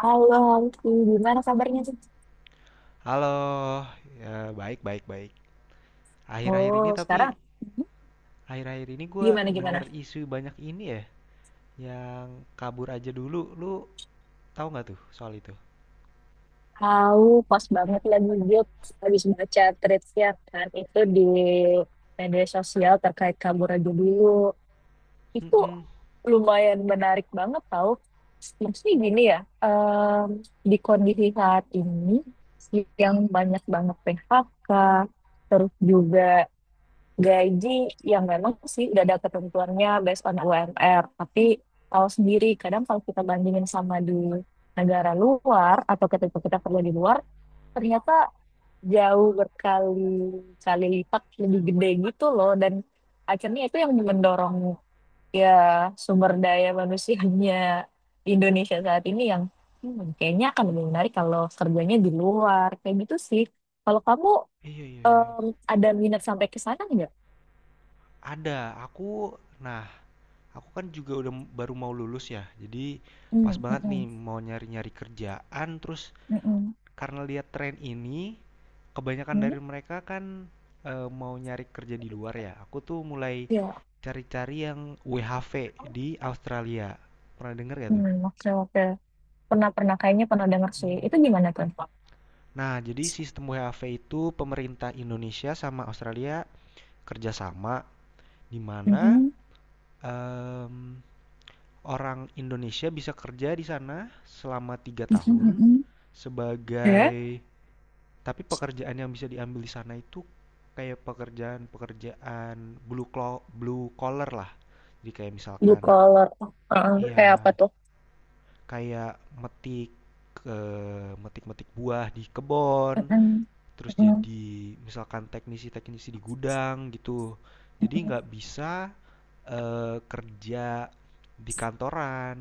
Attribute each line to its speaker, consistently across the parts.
Speaker 1: Halo, Alfi. Gimana kabarnya tuh?
Speaker 2: Halo, ya, baik, baik, baik. Akhir-akhir ini
Speaker 1: Oh,
Speaker 2: tapi
Speaker 1: sekarang
Speaker 2: akhir-akhir ini gua
Speaker 1: gimana
Speaker 2: denger
Speaker 1: gimana?
Speaker 2: isu banyak ini ya, yang kabur aja dulu. Lu tahu nggak tuh soal itu?
Speaker 1: Tahu, pas banget lagi gue habis baca threads ya kan itu di media sosial terkait kabur aja dulu. Itu
Speaker 2: Mm-mm.
Speaker 1: lumayan menarik banget tahu. Maksudnya gini ya, di kondisi saat ini yang banyak banget PHK, terus juga gaji yang memang sih udah ada ketentuannya based on UMR, tapi tahu sendiri kadang kalau kita bandingin sama di negara luar atau ketika kita kerja di luar, ternyata jauh berkali-kali lipat lebih gede gitu loh. Dan akhirnya itu yang mendorong ya sumber daya manusianya di Indonesia saat ini yang, "Hmm, kayaknya akan lebih menarik kalau kerjanya di luar kayak gitu sih." Kalau kamu
Speaker 2: Iya, iya, iya.
Speaker 1: em, ada minat sampai ke sana nggak?
Speaker 2: Ada, aku, nah, aku kan juga udah baru mau lulus ya, jadi
Speaker 1: Hmm,
Speaker 2: pas banget nih
Speaker 1: mm-mm.
Speaker 2: mau nyari-nyari kerjaan, terus
Speaker 1: Mm-mm.
Speaker 2: karena lihat tren ini kebanyakan
Speaker 1: Mungkin
Speaker 2: dari mereka kan mau nyari kerja di luar ya aku tuh mulai
Speaker 1: ya.
Speaker 2: cari-cari yang WHV di Australia, pernah denger gak
Speaker 1: Hmm,
Speaker 2: tuh?
Speaker 1: oke oke, pernah pernah kayaknya pernah dengar sih.
Speaker 2: Hmm.
Speaker 1: Itu gimana tuh?
Speaker 2: Nah, jadi sistem WHV itu pemerintah Indonesia sama Australia kerjasama, di mana
Speaker 1: Mm-mm.
Speaker 2: em, orang Indonesia bisa kerja di sana selama 3 tahun
Speaker 1: Mm-mm.
Speaker 2: sebagai.
Speaker 1: Oke.
Speaker 2: Tapi pekerjaan yang bisa diambil di sana itu kayak pekerjaan-pekerjaan blue collar lah. Jadi kayak
Speaker 1: Blue
Speaker 2: misalkan
Speaker 1: collar. Heeh, kayak apa
Speaker 2: iya
Speaker 1: tuh?
Speaker 2: kayak metik metik-metik buah di kebun,
Speaker 1: Mm-mm.
Speaker 2: terus
Speaker 1: Mm.
Speaker 2: jadi misalkan teknisi-teknisi di gudang gitu. Jadi nggak bisa kerja di kantoran,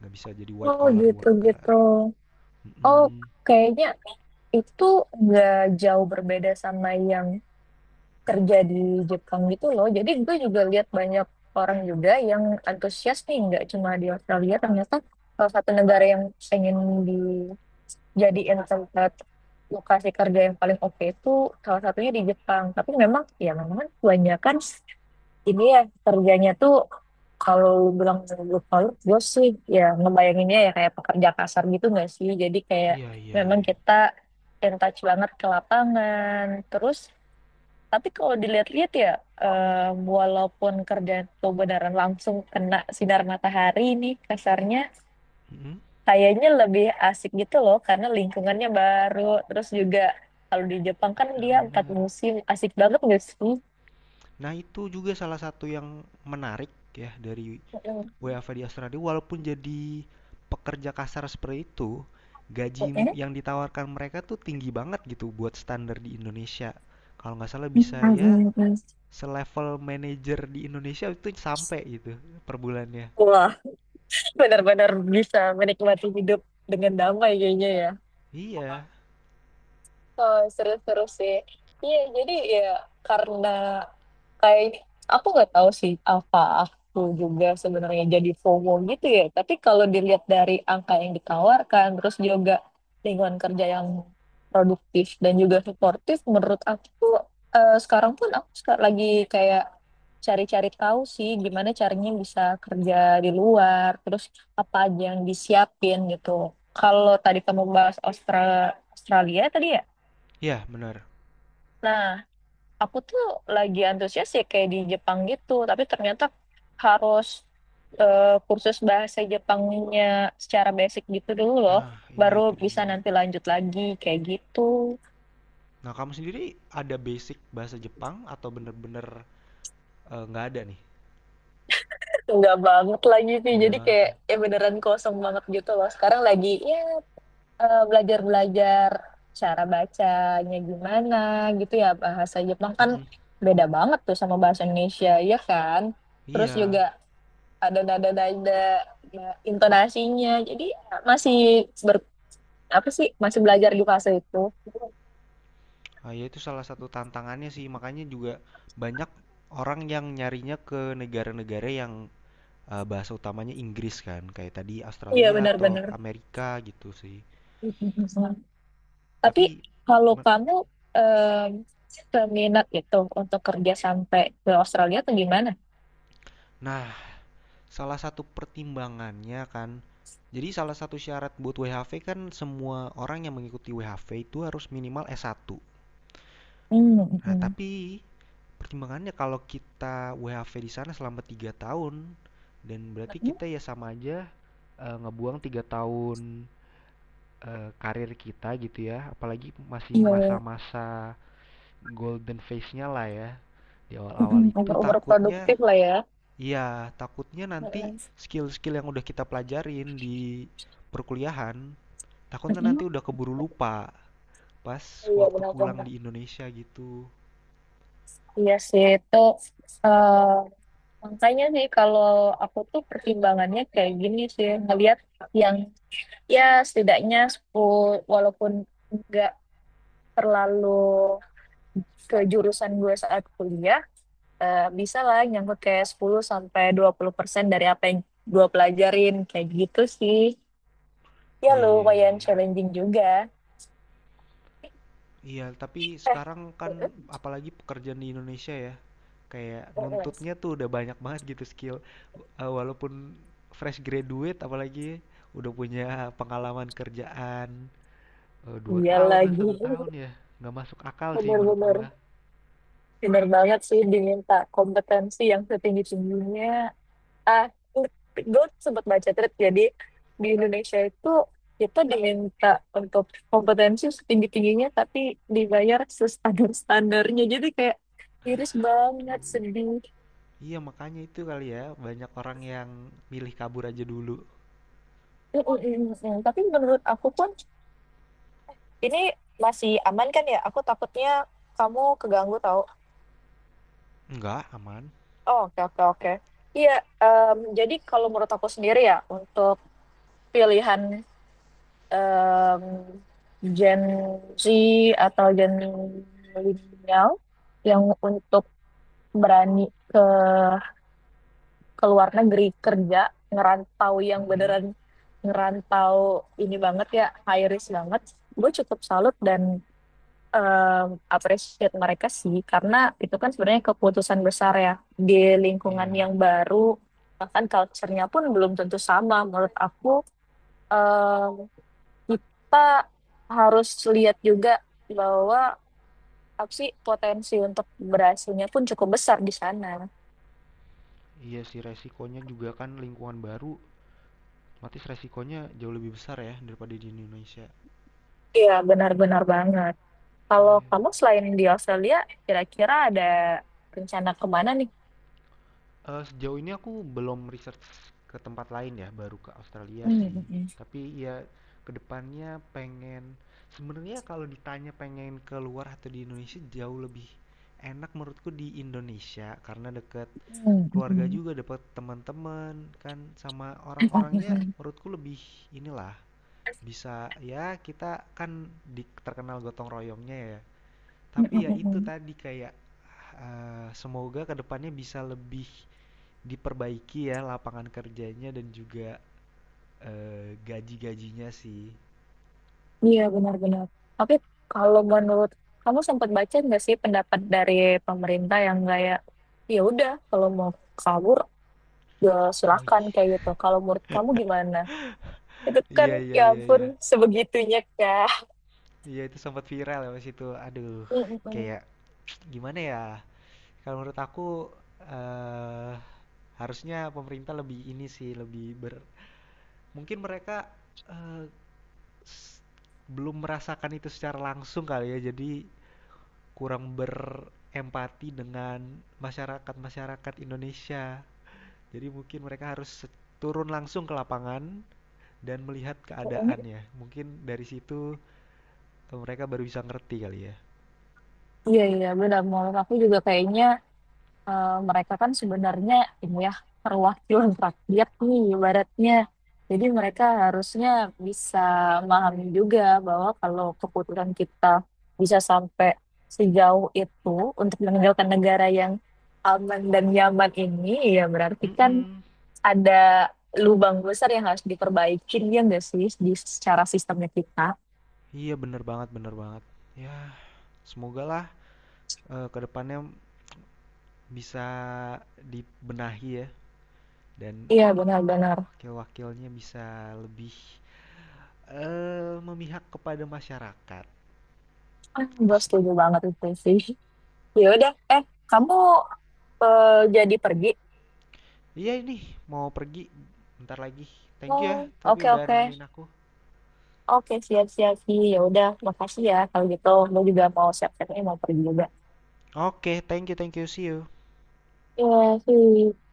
Speaker 2: nggak bisa jadi white
Speaker 1: Oh
Speaker 2: collar
Speaker 1: gitu
Speaker 2: worker.
Speaker 1: gitu. Oh,
Speaker 2: Mm
Speaker 1: kayaknya itu nggak jauh berbeda sama yang kerja di Jepang gitu loh. Jadi gue juga lihat banyak orang juga yang antusias nih, nggak cuma di Australia. Ternyata salah satu negara yang pengen jadiin tempat lokasi kerja yang paling oke itu salah satunya di Jepang. Tapi memang ya memang kan kebanyakan ini ya kerjanya tuh kalau lu bilang blue collar, gue sih ya ngebayanginnya ya kayak pekerja kasar gitu nggak sih? Jadi kayak
Speaker 2: Iya iya iya.
Speaker 1: memang
Speaker 2: Iya.
Speaker 1: kita in touch banget ke lapangan. Terus tapi kalau dilihat-lihat ya, eh, walaupun kerjaan tuh beneran langsung kena sinar matahari nih kasarnya, kayaknya lebih asik gitu loh karena lingkungannya baru. Terus juga kalau di Jepang kan
Speaker 2: Nah
Speaker 1: dia empat
Speaker 2: bener.
Speaker 1: musim, asik banget gak sih?
Speaker 2: Nah itu juga salah satu yang menarik ya dari
Speaker 1: Mm-mm.
Speaker 2: WFA di Australia, walaupun jadi pekerja kasar seperti itu, gaji
Speaker 1: Mm-mm.
Speaker 2: yang ditawarkan mereka tuh tinggi banget gitu buat standar di Indonesia. Kalau nggak salah bisa ya
Speaker 1: Hmm.
Speaker 2: selevel manajer di Indonesia itu sampai gitu per bulannya.
Speaker 1: Wah, benar-benar bisa menikmati hidup dengan damai kayaknya ya.
Speaker 2: Iya,
Speaker 1: Oh, seru-seru sih. Iya, jadi ya karena kayaknya aku nggak tahu sih, apa aku juga sebenarnya jadi FOMO gitu ya. Tapi kalau dilihat dari angka yang ditawarkan, terus juga lingkungan kerja yang produktif dan juga suportif, menurut aku tuh, sekarang pun aku lagi kayak cari-cari tahu sih gimana caranya bisa kerja di luar, terus apa aja yang disiapin gitu. Kalau tadi kamu bahas Australia tadi ya.
Speaker 2: ya benar.
Speaker 1: Nah, aku tuh lagi antusias ya kayak di Jepang gitu, tapi ternyata harus eh, kursus bahasa Jepangnya secara basic gitu dulu loh,
Speaker 2: Nah iya
Speaker 1: baru
Speaker 2: itu
Speaker 1: bisa
Speaker 2: dia.
Speaker 1: nanti lanjut lagi kayak gitu.
Speaker 2: Nah kamu sendiri ada basic bahasa Jepang atau bener-bener eh, nggak ada nih?
Speaker 1: Enggak banget lagi sih,
Speaker 2: Nggak
Speaker 1: jadi
Speaker 2: banget
Speaker 1: kayak
Speaker 2: ya.
Speaker 1: ya beneran kosong banget gitu loh. Sekarang lagi ya belajar-belajar cara bacanya gimana gitu ya. Bahasa Jepang kan
Speaker 2: Mm-mm.
Speaker 1: beda banget tuh sama bahasa Indonesia ya kan. Terus juga
Speaker 2: Iya,
Speaker 1: ada nada-nada ya, intonasinya. Jadi ya, masih ber, apa sih, masih belajar di fase itu.
Speaker 2: ah, ya itu salah satu tantangannya sih, makanya juga banyak orang yang nyarinya ke negara-negara yang bahasa utamanya Inggris kan, kayak tadi
Speaker 1: Iya
Speaker 2: Australia atau
Speaker 1: benar-benar.
Speaker 2: ke Amerika gitu sih.
Speaker 1: Tapi
Speaker 2: Tapi,
Speaker 1: kalau
Speaker 2: me-
Speaker 1: kamu em, seminat itu untuk kerja sampai ke Australia atau gimana?
Speaker 2: nah, salah satu pertimbangannya kan, jadi salah satu syarat buat WHV kan semua orang yang mengikuti WHV itu harus minimal S1.
Speaker 1: Mm,
Speaker 2: Nah,
Speaker 1: mm.
Speaker 2: tapi pertimbangannya kalau kita WHV di sana selama 3 tahun dan berarti kita ya sama aja ngebuang 3 tahun karir kita gitu ya, apalagi masih
Speaker 1: Iya,
Speaker 2: masa-masa golden phase-nya lah ya di awal-awal
Speaker 1: mm,
Speaker 2: itu
Speaker 1: umur-umur
Speaker 2: takutnya,
Speaker 1: produktif lah ya.
Speaker 2: ya takutnya nanti
Speaker 1: Mm-mm.
Speaker 2: skill-skill yang udah kita pelajarin di perkuliahan, takutnya
Speaker 1: Mm.
Speaker 2: nanti udah keburu lupa pas
Speaker 1: Iya
Speaker 2: waktu pulang
Speaker 1: benar-benar.
Speaker 2: di Indonesia gitu.
Speaker 1: Iya sih itu, eh, makanya sih kalau aku tuh pertimbangannya kayak gini sih, ngelihat yang ya setidaknya 10 walaupun nggak terlalu ke jurusan gue saat kuliah, bisa lah nyangkut kayak 10 sampai 20% dari apa yang gue pelajarin kayak gitu sih. Ya
Speaker 2: Iya iya iya.
Speaker 1: lumayan
Speaker 2: Iya.
Speaker 1: challenging juga.
Speaker 2: Iya, tapi
Speaker 1: eh
Speaker 2: sekarang kan
Speaker 1: eh,
Speaker 2: apalagi pekerjaan di Indonesia ya, kayak
Speaker 1: eh, eh.
Speaker 2: nuntutnya tuh udah banyak banget gitu skill. Eh, walaupun fresh graduate apalagi udah punya pengalaman kerjaan dua
Speaker 1: Iya
Speaker 2: tahun lah
Speaker 1: lagi.
Speaker 2: 1 tahun ya, nggak masuk akal sih menurut gua.
Speaker 1: Bener-bener bener banget sih, diminta kompetensi yang setinggi-tingginya. ah gue sempat baca thread, jadi di Indonesia itu kita diminta untuk kompetensi setinggi tingginya tapi dibayar standar standarnya. Jadi kayak iris banget,
Speaker 2: Tuh.
Speaker 1: sedih.
Speaker 2: Iya, makanya itu kali ya, banyak orang yang milih kabur aja dulu.
Speaker 1: Mm, mm, mm, mm. Tapi menurut aku pun ini masih aman kan ya? Aku takutnya kamu keganggu tau.
Speaker 2: Enggak, aman.
Speaker 1: Oh, oke oke oke. Iya, jadi kalau menurut aku sendiri ya, untuk pilihan em, Gen Z atau Gen milenial yang untuk berani ke ke luar negeri kerja, ngerantau yang
Speaker 2: Mm-mm.
Speaker 1: beneran ngerantau, ini banget ya, high risk banget. Gue cukup salut dan em, appreciate mereka sih, karena itu kan sebenarnya keputusan besar ya, di lingkungan
Speaker 2: Iya,
Speaker 1: yang baru, bahkan culture-nya pun belum tentu sama. Menurut aku em, kita harus lihat juga bahwa apa sih potensi untuk berhasilnya pun cukup besar di sana.
Speaker 2: iya sih resikonya juga kan lingkungan baru, otomatis resikonya jauh lebih besar ya daripada di Indonesia.
Speaker 1: Iya, benar-benar banget. Kalau
Speaker 2: Iya.
Speaker 1: kamu selain di Australia, kira-kira ada rencana kemana nih?
Speaker 2: Eee, sejauh ini aku belum research ke tempat lain ya, baru ke Australia
Speaker 1: Hmm,
Speaker 2: sih.
Speaker 1: hmm, hmm,
Speaker 2: Tapi ya kedepannya pengen, sebenarnya kalau ditanya pengen keluar atau di Indonesia jauh lebih enak menurutku di Indonesia karena deket
Speaker 1: hmm,
Speaker 2: keluarga
Speaker 1: hmm,
Speaker 2: juga, dapet teman-teman kan, sama orang-orangnya
Speaker 1: hmm,
Speaker 2: menurutku lebih inilah, bisa ya kita kan di terkenal gotong royongnya ya.
Speaker 1: hmm, hmm,
Speaker 2: Tapi ya
Speaker 1: hmm,
Speaker 2: itu
Speaker 1: hmm.
Speaker 2: tadi kayak, eee, semoga kedepannya bisa lebih diperbaiki ya lapangan kerjanya dan juga gaji-gajinya sih.
Speaker 1: Iya, benar-benar. Tapi kalau menurut kamu, sempat baca nggak sih pendapat dari pemerintah yang kayak, ya udah kalau mau kabur ya
Speaker 2: Oh
Speaker 1: silakan kayak
Speaker 2: iya.
Speaker 1: gitu. Kalau menurut kamu gimana? Itu kan
Speaker 2: Iya iya
Speaker 1: ya
Speaker 2: iya
Speaker 1: ampun,
Speaker 2: iya.
Speaker 1: sebegitunya kak.
Speaker 2: Iya itu sempat viral ya pas itu. Aduh,
Speaker 1: Mm, mm, mm.
Speaker 2: kayak gimana ya? Kalau menurut aku eh harusnya pemerintah lebih ini sih, lebih ber, mungkin mereka eh, s- belum merasakan itu secara langsung kali ya. Jadi kurang berempati dengan masyarakat-masyarakat Indonesia. Jadi mungkin mereka harus turun langsung ke lapangan dan melihat
Speaker 1: Mm, mm.
Speaker 2: keadaannya. Mungkin dari situ mereka baru bisa ngerti kali ya.
Speaker 1: Iya, iya, benar. Menurut aku juga kayaknya mereka kan sebenarnya ini ya, perwakilan rakyat nih ibaratnya. Jadi mereka harusnya bisa memahami juga bahwa kalau keputusan kita bisa sampai sejauh itu untuk meninggalkan negara yang aman dan nyaman ini, ya berarti kan
Speaker 2: Mm-mm.
Speaker 1: ada lubang besar yang harus diperbaikin ya nggak sih di secara sistemnya kita.
Speaker 2: Iya bener banget bener banget. Ya semoga lah kedepannya bisa dibenahi ya, dan
Speaker 1: Iya benar-benar.
Speaker 2: wakil-wakilnya bisa lebih memihak kepada masyarakat.
Speaker 1: Ah,
Speaker 2: Itu
Speaker 1: gue
Speaker 2: sih.
Speaker 1: setuju banget itu sih. Ya udah, eh kamu eh, jadi pergi?
Speaker 2: Iya ini mau pergi bentar lagi. Thank you ya
Speaker 1: Oh,
Speaker 2: tapi
Speaker 1: oke
Speaker 2: udah
Speaker 1: oke.
Speaker 2: nemenin aku.
Speaker 1: Oke, siap-siap sih. Ya udah, makasih ya kalau gitu. Gue juga mau siap-siap nih mau pergi juga.
Speaker 2: Oke, okay, thank you, see you.
Speaker 1: Iya sih.